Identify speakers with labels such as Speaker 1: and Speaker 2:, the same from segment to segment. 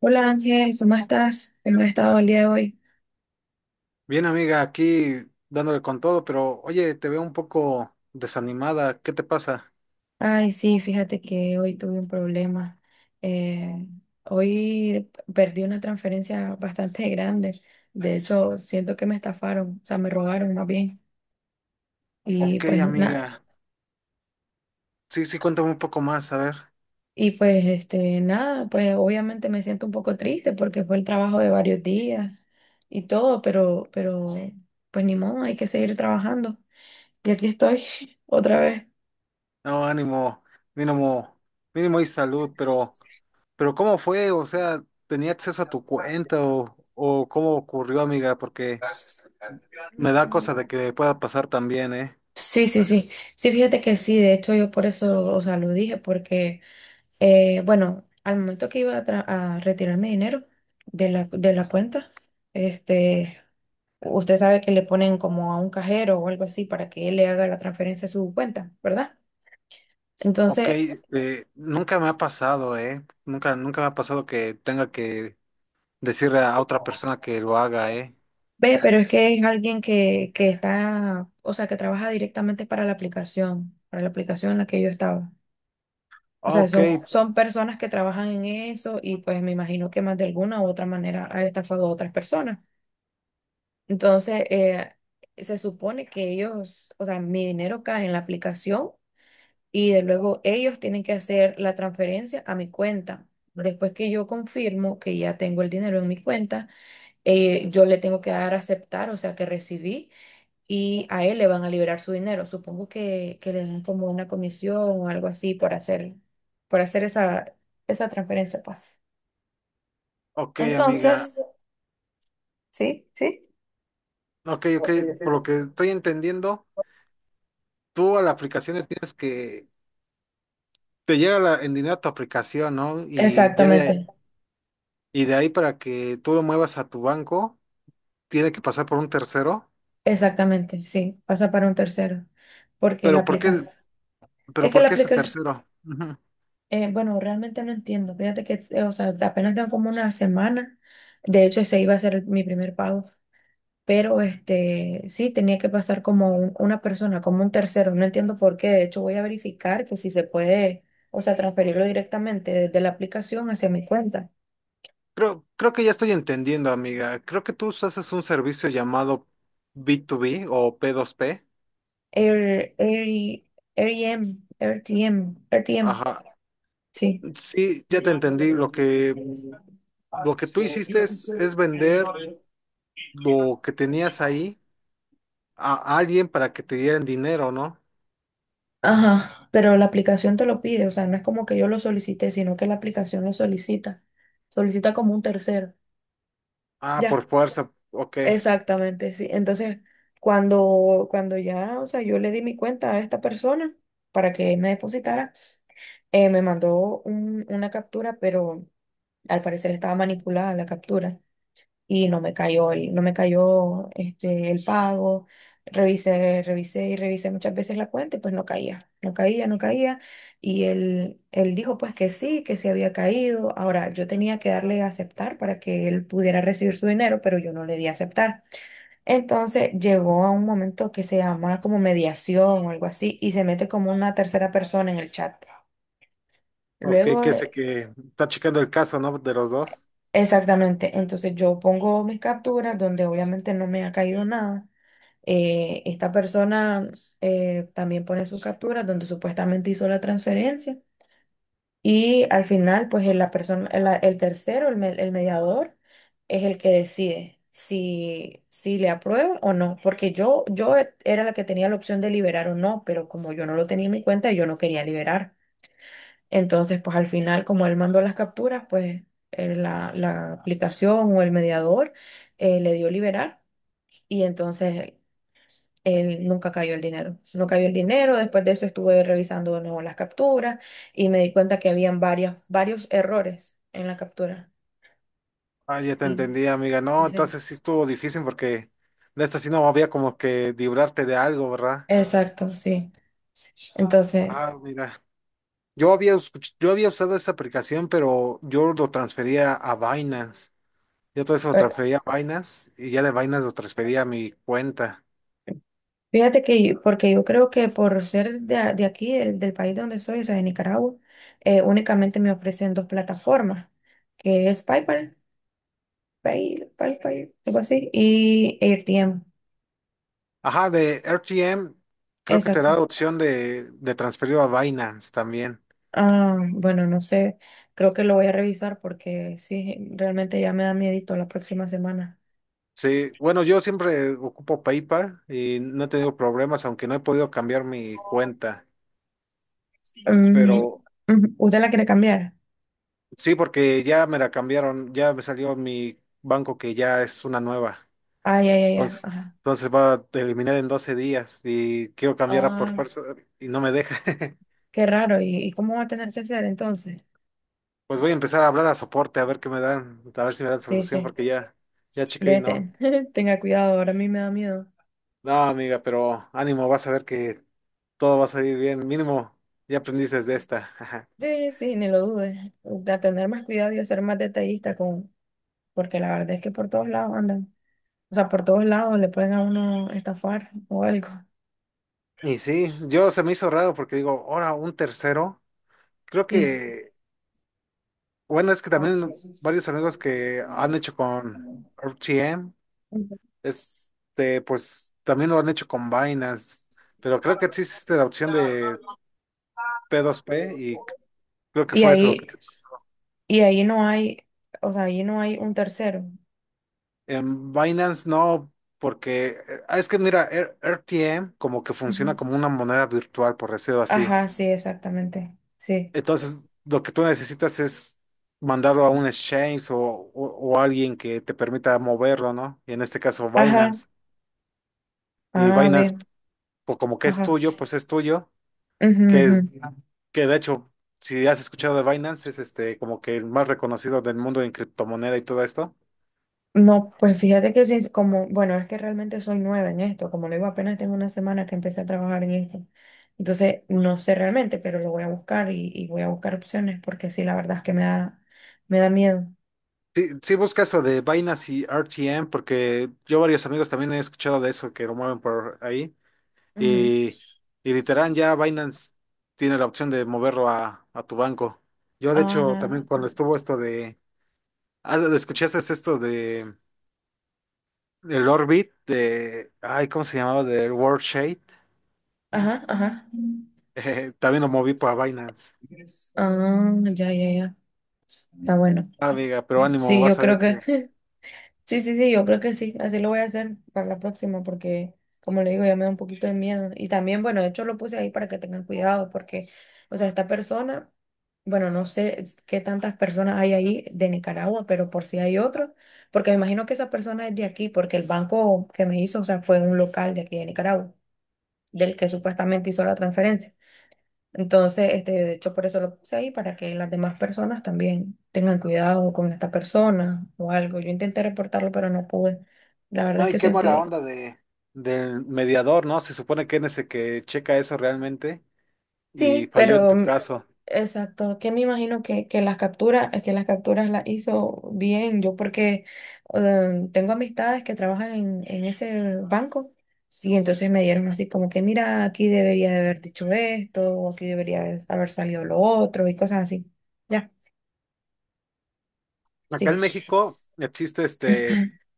Speaker 1: Hola Ángel, ¿cómo estás? ¿Cómo has estado el día de hoy?
Speaker 2: Bien, amiga, aquí dándole con todo, pero oye, te veo un poco desanimada. ¿Qué te pasa?
Speaker 1: Ay, sí, fíjate que hoy tuve un problema. Eh, hoy perdí una transferencia bastante grande. De hecho, siento que me estafaron, o sea, me robaron más bien. Y
Speaker 2: Ok,
Speaker 1: pues nada,
Speaker 2: amiga. Sí, sí, cuéntame un poco más, a ver.
Speaker 1: y nada, pues obviamente me siento un poco triste porque fue el trabajo de varios días y todo, pero pues ni modo, hay que seguir trabajando. Y aquí estoy otra vez.
Speaker 2: No, ánimo, mínimo, mínimo y salud, pero ¿cómo fue? O sea, ¿tenía acceso a tu cuenta o cómo ocurrió, amiga? Porque me da cosa de que pueda pasar también, ¿eh?
Speaker 1: Sí, sí, sí. Sí, fíjate que sí, de hecho yo por eso, o sea, lo dije, porque, bueno, al momento que iba a retirar mi dinero de la cuenta, este, usted sabe que le ponen como a un cajero o algo así para que él le haga la transferencia a su cuenta, ¿verdad?
Speaker 2: Ok,
Speaker 1: Entonces,
Speaker 2: este, nunca me ha pasado, ¿eh? Nunca me ha pasado que tenga que decirle a otra persona que lo haga, ¿eh?
Speaker 1: ve, pero es que es alguien que está, o sea, que trabaja directamente para la aplicación en la que yo estaba. O sea,
Speaker 2: Ok.
Speaker 1: son personas que trabajan en eso y pues me imagino que más de alguna u otra manera ha estafado a otras personas. Entonces, se supone que ellos, o sea, mi dinero cae en la aplicación y de luego ellos tienen que hacer la transferencia a mi cuenta. Después que yo confirmo que ya tengo el dinero en mi cuenta, yo le tengo que dar a aceptar, o sea, que recibí y a él le van a liberar su dinero. Supongo que le dan como una comisión o algo así por hacer esa transferencia, pues.
Speaker 2: Ok, amiga.
Speaker 1: Entonces,
Speaker 2: Ok, ok. Por lo que estoy entendiendo, tú a la aplicación le tienes que. Te llega la, en dinero a tu aplicación, ¿no?
Speaker 1: exactamente,
Speaker 2: Y de ahí para que tú lo muevas a tu banco, tiene que pasar por un tercero.
Speaker 1: exactamente, sí, pasa para un tercero, porque la
Speaker 2: Pero ¿por qué,
Speaker 1: aplicas.
Speaker 2: pero
Speaker 1: Es que
Speaker 2: ¿por
Speaker 1: la
Speaker 2: qué este
Speaker 1: aplicas,
Speaker 2: tercero? Ujú.
Speaker 1: bueno, realmente no entiendo. Fíjate que, o sea, apenas tengo como una semana. De hecho, ese iba a ser mi primer pago. Pero este, sí, tenía que pasar como un- una persona, como un tercero. No entiendo por qué. De hecho, voy a verificar que si se puede, o sea, transferirlo directamente desde la aplicación hacia mi cuenta.
Speaker 2: Creo que ya estoy entendiendo, amiga. Creo que tú haces un servicio llamado B2B o P2P.
Speaker 1: Air, Air- AirTM, RTM, RTM,
Speaker 2: Ajá.
Speaker 1: sí.
Speaker 2: Sí, ya te entendí. Lo que tú hiciste es vender lo que tenías ahí a alguien para que te dieran dinero, ¿no?
Speaker 1: Ajá, pero la aplicación te lo pide, o sea, no es como que yo lo solicité, sino que la aplicación lo solicita. Solicita como un tercero.
Speaker 2: Ah, por
Speaker 1: Ya.
Speaker 2: fuerza, ok,
Speaker 1: Exactamente, sí. Entonces, cuando ya, o sea, yo le di mi cuenta a esta persona para que me depositara, me mandó un- una captura, pero al parecer estaba manipulada la captura y no me cayó no me cayó este, el pago. Revisé, revisé y revisé muchas veces la cuenta y pues no caía, no caía, no caía. Y él dijo pues que sí había caído. Ahora, yo tenía que darle a aceptar para que él pudiera recibir su dinero, pero yo no le di a aceptar. Entonces llegó a un momento que se llama como mediación o algo así y se mete como una tercera persona en el chat.
Speaker 2: ok,
Speaker 1: Luego
Speaker 2: que sé
Speaker 1: de...
Speaker 2: que está checando el caso, ¿no? De los dos.
Speaker 1: Exactamente, entonces yo pongo mis capturas donde obviamente no me ha caído nada. Esta persona también pone sus capturas donde supuestamente hizo la transferencia. Y al final, pues el- la persona, el tercero, el, me- el mediador, es el que decide si, si le aprueba o no. Porque yo e- era la que tenía la opción de liberar o no, pero como yo no lo tenía en mi cuenta, yo no quería liberar. Entonces, pues al final, como él mandó las capturas, pues la aplicación o el mediador le dio liberar. Y entonces él nunca cayó el dinero. No cayó el dinero, después de eso estuve revisando de nuevo las capturas y me di cuenta que habían varias, varios errores en la captura.
Speaker 2: Ah, ya te
Speaker 1: Y
Speaker 2: entendí, amiga. No,
Speaker 1: dice,
Speaker 2: entonces sí estuvo difícil porque de esta sí no había como que librarte de algo, ¿verdad?
Speaker 1: exacto, sí. Entonces,
Speaker 2: Ah, mira. Yo había, yo había usado esa aplicación, pero yo lo transfería a Binance. Yo todo eso lo
Speaker 1: eh,
Speaker 2: transfería a Binance y ya de Binance lo transfería a mi cuenta.
Speaker 1: fíjate que yo- porque yo creo que por ser de, a- de aquí, del país donde soy, o sea, de Nicaragua, únicamente me ofrecen dos plataformas, que es PayPal, PayPal, algo así, y AirTM.
Speaker 2: Ajá, de RTM creo que te
Speaker 1: Exacto.
Speaker 2: da la opción de transferirlo a Binance también.
Speaker 1: Ah, bueno, no sé, creo que lo voy a revisar porque sí, realmente ya me da miedito la próxima semana.
Speaker 2: Sí, bueno, yo siempre ocupo PayPal y no he tenido problemas, aunque no he podido cambiar mi cuenta.
Speaker 1: Mm,
Speaker 2: Pero
Speaker 1: ujú, ¿usted la quiere cambiar?
Speaker 2: sí, porque ya me la cambiaron, ya me salió mi banco que ya es una nueva.
Speaker 1: Ay, ay, ay, ay,
Speaker 2: Entonces,
Speaker 1: ajá.
Speaker 2: entonces va a eliminar en 12 días y quiero cambiarla por
Speaker 1: Ah,
Speaker 2: fuerza y no me deja.
Speaker 1: qué raro, y cómo va a tener que hacer entonces?
Speaker 2: Pues voy a empezar a hablar a soporte a ver qué me dan, a ver si me dan
Speaker 1: Sí,
Speaker 2: solución,
Speaker 1: sí,
Speaker 2: porque ya, ya chequé y no.
Speaker 1: vete, tenga cuidado, ahora a mí me da miedo.
Speaker 2: No, amiga, pero ánimo, vas a ver que todo va a salir bien. Mínimo, ya aprendiste de esta.
Speaker 1: Sí, sí, ni lo dudes, de tener más cuidado y de ser más detallista con, porque la verdad es que por todos lados andan, o sea, por todos lados le pueden a uno estafar o algo,
Speaker 2: Y sí, yo se me hizo raro porque digo, ahora un tercero. Creo
Speaker 1: sí.
Speaker 2: que, bueno, es que también varios amigos que han hecho con RTM, este, pues también lo han hecho con Binance, pero creo que sí existe la opción de P2P y creo que
Speaker 1: Y
Speaker 2: fue eso.
Speaker 1: ahí... Y ahí no hay, o sea, ahí no hay un tercero.
Speaker 2: En Binance no, porque ah, es que mira, RTM como que
Speaker 1: Ujú.
Speaker 2: funciona como una moneda virtual, por decirlo así.
Speaker 1: Ajá, sí, exactamente. Sí.
Speaker 2: Entonces, lo que tú necesitas es mandarlo a un exchange o alguien que te permita moverlo, ¿no? Y en este caso
Speaker 1: Ajá.
Speaker 2: Binance. Y
Speaker 1: A
Speaker 2: Binance,
Speaker 1: ver.
Speaker 2: pues como que es
Speaker 1: Ajá.
Speaker 2: tuyo, pues es tuyo,
Speaker 1: Ujú,
Speaker 2: que
Speaker 1: ujú.
Speaker 2: es, que de hecho, si has escuchado de Binance, es este como que el más reconocido del mundo en criptomoneda y todo esto.
Speaker 1: No, pues fíjate que sí, como, bueno, es que realmente soy nueva en esto, como le digo, apenas tengo una semana que empecé a trabajar en esto. Entonces, no sé realmente, pero lo voy a buscar y voy a buscar opciones porque sí, la verdad es que me da miedo.
Speaker 2: Sí, sí busca eso de Binance y RTM, porque yo varios amigos también he escuchado de eso que lo mueven por ahí.
Speaker 1: Ujú.
Speaker 2: Y, y literal ya Binance tiene la opción de moverlo a tu banco. Yo de hecho
Speaker 1: Ajá,
Speaker 2: también cuando estuvo esto de. Ah, ¿escuchaste esto de el Orbit de. Ay, ¿cómo se llamaba? Del World Shade.
Speaker 1: ajá, ajá.
Speaker 2: También lo moví para Binance.
Speaker 1: Ah, ya, ya, ya. Está bueno.
Speaker 2: Ah, amiga, pero ánimo,
Speaker 1: Sí, yo
Speaker 2: vas a
Speaker 1: creo
Speaker 2: ver
Speaker 1: que
Speaker 2: que.
Speaker 1: sí, sí, sí, yo creo que sí, así lo voy a hacer para la próxima porque, como le digo, ya me da un poquito de miedo. Y también, bueno, de hecho lo puse ahí para que tengan cuidado porque, o sea, esta persona, bueno, no sé es- qué tantas personas hay ahí de Nicaragua, pero por si hay otro, porque me imagino que esa persona es de aquí, porque el banco que me hizo, o sea, fue un local de aquí de Nicaragua, del que supuestamente hizo la transferencia. Entonces, este, de hecho, por eso lo puse ahí, para que las demás personas también tengan cuidado con esta persona o algo. Yo intenté reportarlo, pero no pude. La verdad es
Speaker 2: No, y
Speaker 1: que
Speaker 2: qué mala
Speaker 1: sentí,
Speaker 2: onda de del mediador, ¿no? Se supone que es ese que checa eso realmente. Y
Speaker 1: sí,
Speaker 2: falló en
Speaker 1: pero
Speaker 2: tu
Speaker 1: mm,
Speaker 2: caso.
Speaker 1: exacto, que me imagino que las capturas las hizo bien. Yo porque tengo amistades que trabajan en ese banco. Y entonces me dieron así como que, mira, aquí debería de haber dicho esto, o aquí debería haber salido lo otro, y cosas así. Ya,
Speaker 2: Acá
Speaker 1: sí.
Speaker 2: en México existe este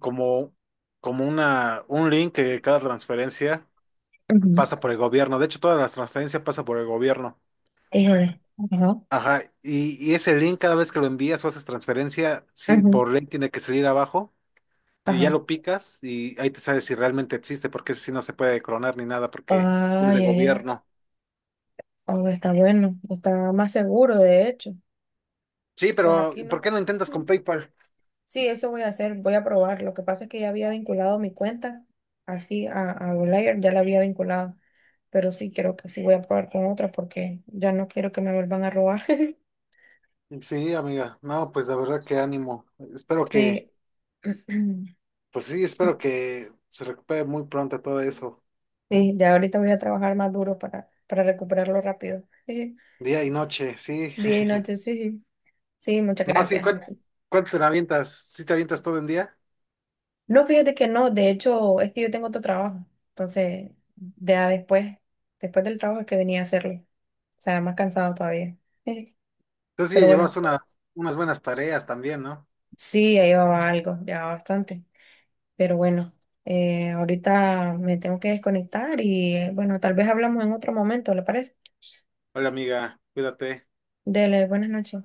Speaker 2: como, como una, un link que cada transferencia pasa
Speaker 1: Ujú.
Speaker 2: por el gobierno. De hecho, todas las transferencias pasan por el gobierno.
Speaker 1: Híjole. Ajá.
Speaker 2: Ajá, y ese link cada vez que lo envías o haces transferencia, sí,
Speaker 1: Ujú.
Speaker 2: por link tiene que salir abajo y ya
Speaker 1: Ajá.
Speaker 2: lo picas y ahí te sabes si realmente existe, porque ese sí no se puede clonar ni nada porque
Speaker 1: Ah,
Speaker 2: es de
Speaker 1: ya, ya.
Speaker 2: gobierno.
Speaker 1: Oh, está bueno. Está más seguro, de hecho.
Speaker 2: Sí,
Speaker 1: Pues
Speaker 2: pero
Speaker 1: aquí
Speaker 2: ¿por
Speaker 1: no.
Speaker 2: qué no intentas con
Speaker 1: Mm.
Speaker 2: PayPal?
Speaker 1: Sí, eso voy a hacer. Voy a probar. Lo que pasa es que ya había vinculado mi cuenta. Así a Outlier ya la había vinculado. Pero sí, creo que sí voy a probar con otra porque ya no quiero que me vuelvan a robar.
Speaker 2: Sí, amiga. No, pues la verdad que ánimo. Espero que.
Speaker 1: Sí.
Speaker 2: Pues sí,
Speaker 1: Sí,
Speaker 2: espero que se recupere muy pronto todo eso,
Speaker 1: sí, ya ahorita voy a trabajar más duro para recuperarlo rápido.
Speaker 2: día y noche, sí.
Speaker 1: Día y noche, sí. Sí, muchas
Speaker 2: No, sí,
Speaker 1: gracias.
Speaker 2: ¿cuánto, te avientas? ¿Sí te avientas todo en día?
Speaker 1: No, fíjate que no, de hecho, es que yo tengo otro trabajo, entonces ya después, después del trabajo es que venía a hacerlo, o sea, más cansado todavía.
Speaker 2: Entonces sí,
Speaker 1: Pero
Speaker 2: ya llevas
Speaker 1: bueno,
Speaker 2: una, unas buenas tareas también, ¿no?
Speaker 1: sí, ya llevaba algo, ya bastante, pero bueno, ahorita me tengo que desconectar y bueno, tal vez hablamos en otro momento, ¿le parece?
Speaker 2: Hola amiga, cuídate.
Speaker 1: Dele, buenas noches.